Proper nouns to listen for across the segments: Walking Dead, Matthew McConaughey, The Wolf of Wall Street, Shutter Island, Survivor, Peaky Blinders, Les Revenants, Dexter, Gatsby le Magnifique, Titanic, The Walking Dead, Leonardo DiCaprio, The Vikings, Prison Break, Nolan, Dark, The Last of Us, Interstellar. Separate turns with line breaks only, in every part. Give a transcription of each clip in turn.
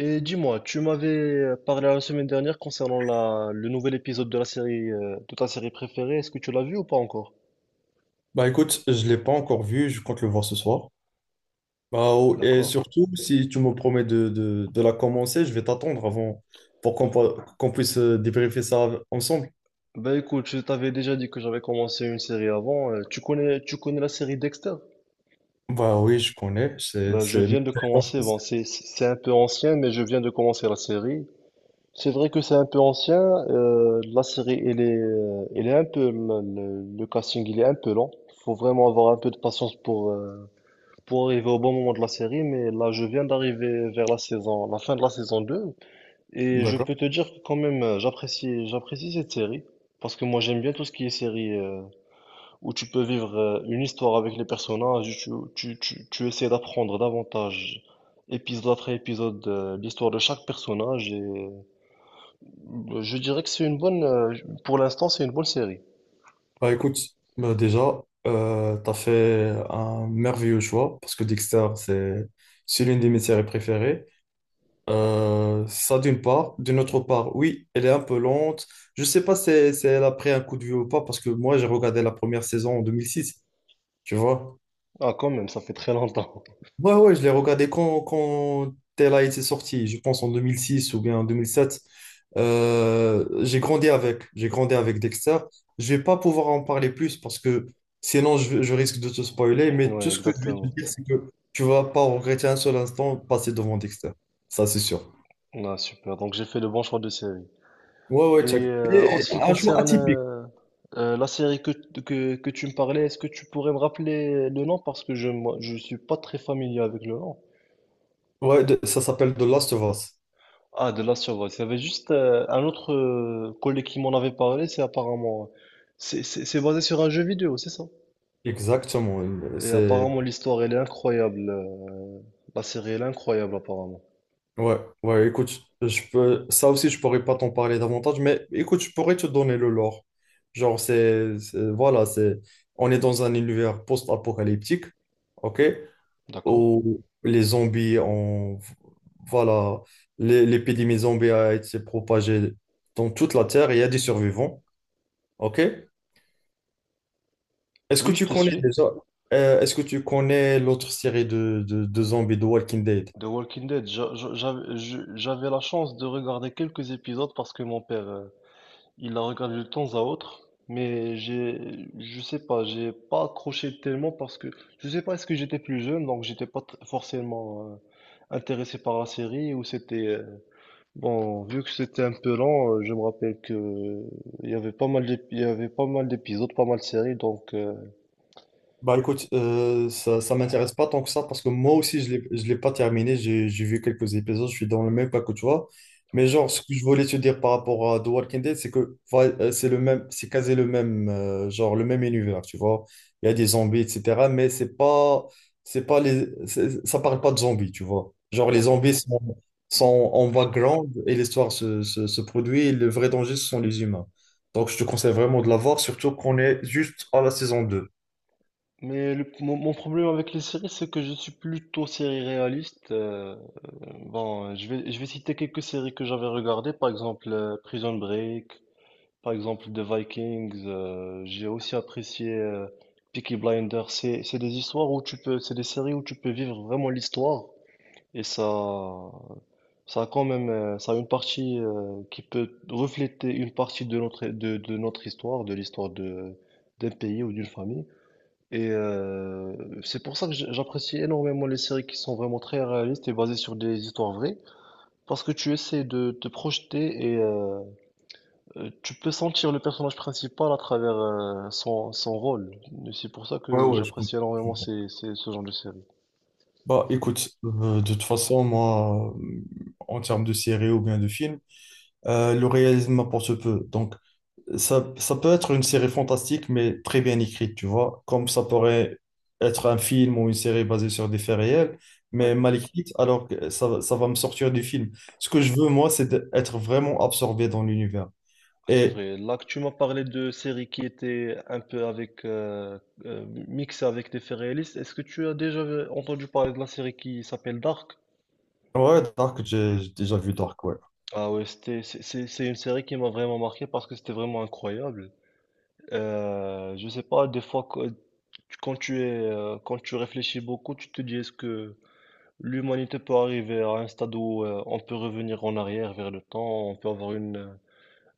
Et dis-moi, tu m'avais parlé la semaine dernière concernant le nouvel épisode de la série, de ta série préférée. Est-ce que tu l'as vu ou pas encore?
Bah écoute, je l'ai pas encore vu, je compte le voir ce soir. Bah, oh, et
D'accord.
surtout, si tu me promets de la commencer, je vais t'attendre avant pour qu'on puisse débriefer ça ensemble.
Bah écoute, je t'avais déjà dit que j'avais commencé une série avant. Tu connais la série Dexter?
Bah oui, je connais, c'est...
Bah je
c'est- ma
viens de
série
commencer.
d'enfance.
Bon, c'est un peu ancien, mais je viens de commencer la série. C'est vrai que c'est un peu ancien. La série, elle est un peu, le casting, il est un peu lent. Faut vraiment avoir un peu de patience pour arriver au bon moment de la série, mais là, je viens d'arriver vers la saison, la fin de la saison 2 et je peux
D'accord.
te dire que quand même, j'apprécie cette série, parce que moi, j'aime bien tout ce qui est série, où tu peux vivre une histoire avec les personnages, tu essaies d'apprendre davantage, épisode après épisode, l'histoire de chaque personnage, et je dirais que c'est une bonne, pour l'instant, c'est une bonne série.
Bah écoute, bah déjà, t'as fait un merveilleux choix parce que Dexter, c'est l'une de mes séries préférées. Ça d'une part. D'une autre part, oui, elle est un peu lente. Je sais pas si elle a pris un coup de vieux ou pas, parce que moi, j'ai regardé la première saison en 2006, tu vois.
Ah, quand même, ça fait très longtemps.
Ouais, ouais, je l'ai regardé quand elle a été sortie, je pense en 2006 ou bien en 2007. J'ai grandi avec, j'ai grandi avec Dexter. Je vais pas pouvoir en parler plus parce que sinon je risque de te spoiler, mais
Ouais,
tout ce que je vais te
exactement.
dire, c'est que tu vas pas regretter un seul instant passé devant Dexter. Ça, c'est sûr.
Ah, super. Donc, j'ai fait le bon choix de série.
Ouais,
Et
ouais, check.
en
Et-
ce
et
qui
un jeu
concerne
atypique.
la série que tu me parlais, est-ce que tu pourrais me rappeler le nom? Parce que je moi, je suis pas très familier avec le nom.
Ouais, ça s'appelle The Last of Us.
Ah, de la Survivor. Il y avait juste un autre collègue qui m'en avait parlé, c'est apparemment... C'est basé sur un jeu vidéo, c'est ça?
Exactement.
Et
C'est...
apparemment l'histoire, elle est incroyable. La série, elle est incroyable apparemment.
Ouais, ouais, écoute, je peux... ça aussi, je pourrais pas t'en parler davantage, mais écoute, je pourrais te donner le lore. Genre, c'est voilà, c'est... On est dans un univers post-apocalyptique, ok?
D'accord?
Où les zombies ont... Voilà, l'épidémie zombie a été propagée dans toute la Terre et il y a des survivants, ok? Est-ce que
Oui, je
tu
te
connais
suis.
déjà, est-ce que tu connais l'autre série de zombies de Walking Dead?
The Walking Dead, j'avais la chance de regarder quelques épisodes parce que mon père... Il la regarde de temps à autre, mais j'ai, je sais pas, j'ai pas accroché tellement parce que je sais pas, est-ce que j'étais plus jeune, donc j'étais pas tr- forcément intéressé par la série ou c'était bon, vu que c'était un peu lent, je me rappelle que il y avait pas mal d'épisodes, pas mal de séries, donc
Bah écoute, ça, ça m'intéresse pas tant que ça parce que moi aussi je l'ai pas terminé, j'ai vu quelques épisodes, je suis dans le même pas que toi. Mais genre, ce que je voulais te dire par rapport à The Walking Dead, c'est que voilà, c'est le même, c'est quasi le même, genre le même univers, tu vois. Il y a des zombies, etc. Mais c'est pas les, ça parle pas de zombies, tu vois. Genre les
d'accord.
zombies sont en background et l'histoire se produit et le vrai danger, ce sont les humains. Donc je te conseille vraiment de la voir, surtout qu'on est juste à la saison deux.
Mais mon problème avec les séries, c'est que je suis plutôt série réaliste. Bon, je vais citer quelques séries que j'avais regardées, par exemple Prison Break, par exemple, The Vikings, j'ai aussi apprécié Peaky Blinders. C'est des histoires où tu peux, c'est des séries où tu peux vivre vraiment l'histoire et ça a quand même, ça a une partie qui peut refléter une partie de notre, de notre histoire, de l'histoire de, d'un pays ou d'une famille. Et c'est pour ça que j'apprécie énormément les séries qui sont vraiment très réalistes et basées sur des histoires vraies, parce que tu essaies de te projeter et tu peux sentir le personnage principal à travers son, son rôle. Et c'est pour ça
Ouais,
que
ouais, je...
j'apprécie énormément ce genre de série.
Bah écoute, de toute façon, moi, en termes de série ou bien de film, le réalisme m'apporte peu. Donc, ça peut être une série fantastique, mais très bien écrite, tu vois, comme ça pourrait être un film ou une série basée sur des faits réels,
Oui,
mais mal écrite, alors que ça va me sortir du film. Ce que je veux, moi, c'est d'être vraiment absorbé dans l'univers.
c'est
Et
vrai. Là que tu m'as parlé de séries qui étaient un peu avec mixées avec des faits réalistes, est-ce que tu as déjà entendu parler de la série qui s'appelle Dark?
ouais, Dark, j'ai déjà vu Dark, ouais.
Ah ouais, c'est une série qui m'a vraiment marqué parce que c'était vraiment incroyable. Je sais pas, des fois, quand tu es, quand tu réfléchis beaucoup, tu te dis est-ce que l'humanité peut arriver à un stade où on peut revenir en arrière vers le temps, on peut avoir une,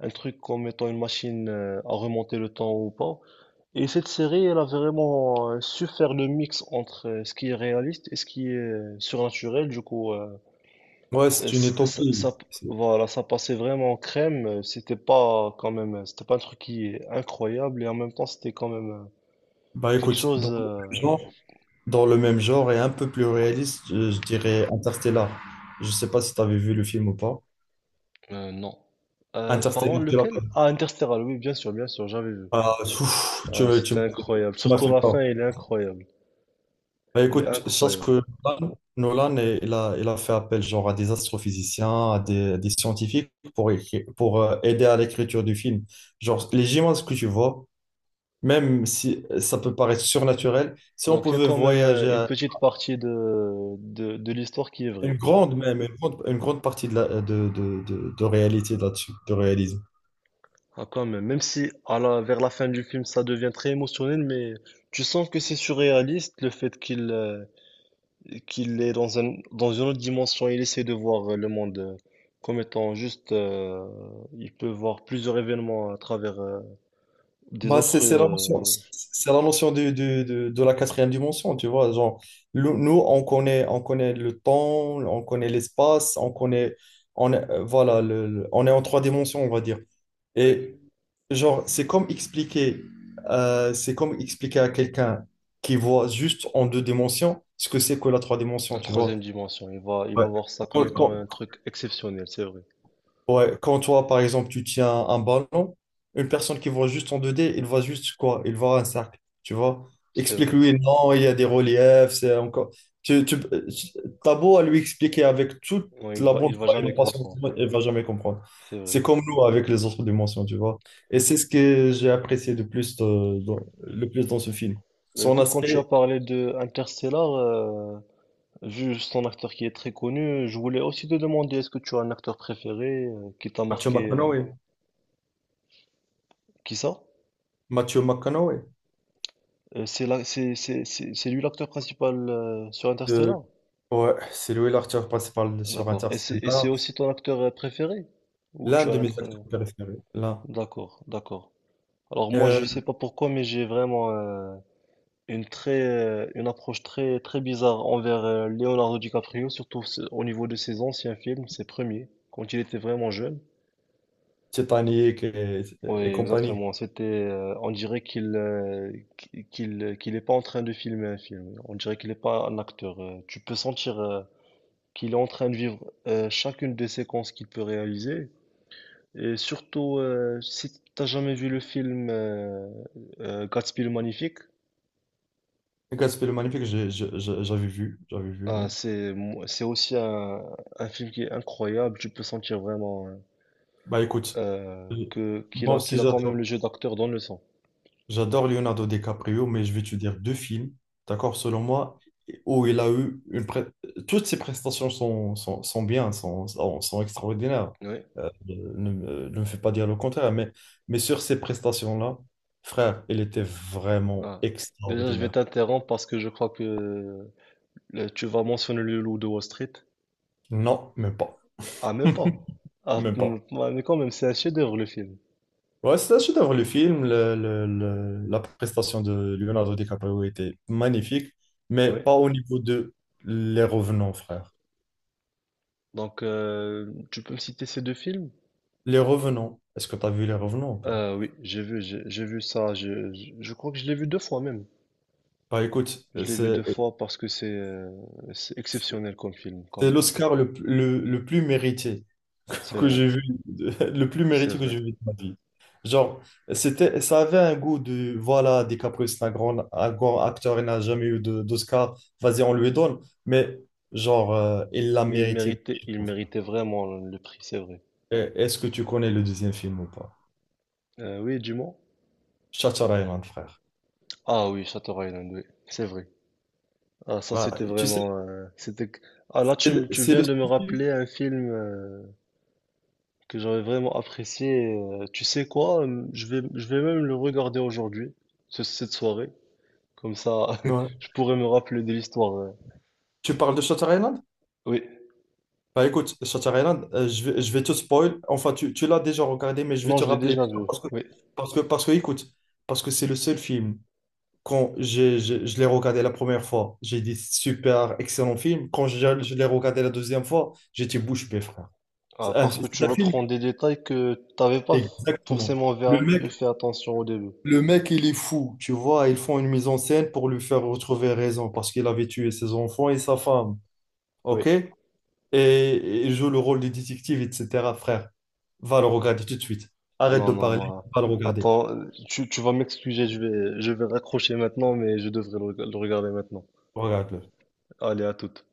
un truc comme étant une machine à remonter le temps ou pas. Et cette série, elle a vraiment su faire le mix entre ce qui est réaliste et ce qui est surnaturel. Du coup,
Ouais,
euh,
c'est une
c- ça,
utopie.
ça- voilà, ça passait vraiment en crème. C'était pas quand même, c'était pas un truc qui est incroyable et en même temps, c'était quand même
Bah
quelque
écoute, dans
chose.
le même genre. Dans le même genre et un peu plus réaliste, je dirais Interstellar. Je sais pas si tu avais vu le film ou pas.
Non. Pardon,
Interstellar, tu l'as
lequel?
pas vu.
Ah, Interstellar. Oui, bien sûr, j'avais vu.
Ah, ouf,
Ah, c'était incroyable.
tu m'as
Surtout
fait
la fin,
peur.
elle est incroyable.
Bah,
Elle est
écoute, je pense
incroyable.
que Nolan, il a fait appel genre à des astrophysiciens, à des scientifiques pour, aider à l'écriture du film. Genre, les images que tu vois, même si ça peut paraître surnaturel, si on
Donc il y a
pouvait
quand même une
voyager...
petite partie de, de l'histoire qui est
Une
vraie.
grande même, une grande partie de, la, de réalité là-dessus, de réalisme.
Ah, quand même. Même si à la, vers la fin du film, ça devient très émotionnel, mais tu sens que c'est surréaliste le fait qu'il est dans un, dans une autre dimension. Il essaie de voir le monde comme étant juste... il peut voir plusieurs événements à travers des
Bah, c'est
autres...
c'est la notion, c'est c'est la notion de la quatrième dimension, tu vois. Genre, nous, on connaît le temps, on connaît l'espace, on connaît, on est, voilà, on est en trois dimensions, on va dire. Et genre, c'est comme expliquer à quelqu'un qui voit juste en deux dimensions ce que c'est que la trois dimensions,
la
tu vois.
troisième dimension. Il
Ouais.
va voir ça
Quand,
comme étant
quand-
un truc exceptionnel, c'est vrai.
Ouais, quand toi, par exemple, tu tiens un ballon, une personne qui voit juste en 2D, il voit juste quoi? Il voit un cercle, tu vois?
C'est vrai.
Explique-lui, non, il y a des reliefs, c'est encore... Tu, tu, t'as beau à lui expliquer avec toute
Non, il
la
va,
bonne
il va
foi et la
jamais
patience du
comprendre.
monde, il va jamais comprendre.
C'est
C'est
vrai.
comme nous avec les autres dimensions, tu vois? Et c'est ce que j'ai apprécié le plus dans ce film. Son
Écoute, quand tu as
aspect...
parlé de Interstellar, vu son acteur qui est très connu, je voulais aussi te demander, est-ce que tu as un acteur préféré qui t'a
Matthew
marqué,
McConaughey.
qui ça?
Matthew McConaughey.
C'est lui l'acteur principal sur
Euh,
Interstellar?
ouais, c'est lui l'acteur principal sur
D'accord. Et c'est
Interstellar.
aussi ton acteur préféré? Ou
L'un
tu as
de
un
mes
autre...
acteurs préférés, l'un.
d'accord, d'accord. Alors moi, je sais
Euh,
pas pourquoi, mais j'ai vraiment... une approche très très bizarre envers Leonardo DiCaprio, surtout au niveau de ses anciens films, ses premiers, quand il était vraiment jeune.
Titanic et,
Oui,
et compagnie.
exactement. C'était, on dirait qu'il qu'il est pas en train de filmer un film. On dirait qu'il n'est pas un acteur. Tu peux sentir qu'il est en train de vivre chacune des séquences qu'il peut réaliser. Et surtout, si t'as jamais vu le film Gatsby le Magnifique,
Gatsby le Magnifique, j'avais vu,
ah,
oui.
c'est aussi un film qui est incroyable. Tu peux sentir vraiment hein,
Bah écoute, euh,
que qu'il
moi
a
aussi
qu'il a quand même le
j'adore.
jeu d'acteur dans le sang.
J'adore Leonardo DiCaprio, mais je vais te dire deux films, d'accord, selon moi, où il a eu une... pré-... Toutes ses prestations sont, sont, sont bien, sont, sont, sont extraordinaires.
Oui.
Euh, ne, ne me fais pas dire le contraire, mais sur ces prestations-là, frère, il était vraiment
Ah. Déjà, je vais
extraordinaire.
t'interrompre parce que je crois que tu vas mentionner le loup de Wall Street.
Non, même pas.
Ah, même pas. Ah,
Même pas.
ouais, mais quand même, c'est un chef-d'œuvre le film.
Ouais, c'est un chef-d'œuvre, le film. La prestation de Leonardo DiCaprio était magnifique, mais
Oui.
pas au niveau de Les Revenants, frère.
Donc, tu peux me citer ces deux films?
Les Revenants, est-ce que tu as vu Les Revenants ou pas?
Oui, j'ai vu, j'ai vu ça. Je crois que je l'ai vu deux fois même.
Bah écoute,
Je l'ai vu
c'est
deux fois parce que c'est exceptionnel comme film quand
c'est
même.
l'Oscar le le- plus mérité
C'est
que
vrai.
j'ai vu, le plus
C'est
mérité que
vrai.
j'ai vu de ma vie. Genre, c'était, ça avait un goût de, voilà, DiCaprio, c'est un grand acteur, il n'a jamais eu d'Oscar, vas-y, on lui donne, mais genre, il l'a
Mais
mérité.
il méritait vraiment le prix, c'est vrai.
Eh, est-ce que tu connais le deuxième film ou pas?
Oui, dis-moi.
Shutter Island, frère.
Ah oui, Shutter Island, oui, c'est vrai. Ah, ça,
Bah,
c'était
tu sais,
vraiment. C'était... ah, là,
c'est le
tu
c'est
viens
le seul...
de me rappeler un film que j'avais vraiment apprécié. Tu sais quoi? Je vais même le regarder aujourd'hui, cette soirée. Comme ça,
Ouais.
je pourrais me rappeler de l'histoire.
Tu parles de Shutter Island?
Oui.
Bah écoute, Shutter Island, je vais te spoil. Enfin, tu l'as déjà regardé, mais je vais
Non,
te
je l'ai
rappeler
déjà vu.
l'histoire parce que,
Oui.
écoute, parce que c'est le seul film. Quand je l'ai regardé la première fois, j'ai dit super, excellent film. Quand je l'ai regardé la deuxième fois, j'étais bouche bée, frère.
Ah, parce que
C'est
tu
un film,
reprends des détails que t'avais pas f-
exactement.
forcément
Le...
fait attention au début.
Le mec, il est fou, tu vois. Ils font une mise en scène pour lui faire retrouver raison parce qu'il avait tué ses enfants et sa femme.
Oui.
OK? Et il joue le rôle du détective, etc. Frère, va le regarder tout de suite. Arrête
Non,
de
non,
parler,
moi.
va le regarder.
Attends, tu vas m'excuser, je vais raccrocher maintenant, mais je devrais le regarder maintenant.
Regarde-le.
Allez, à toute.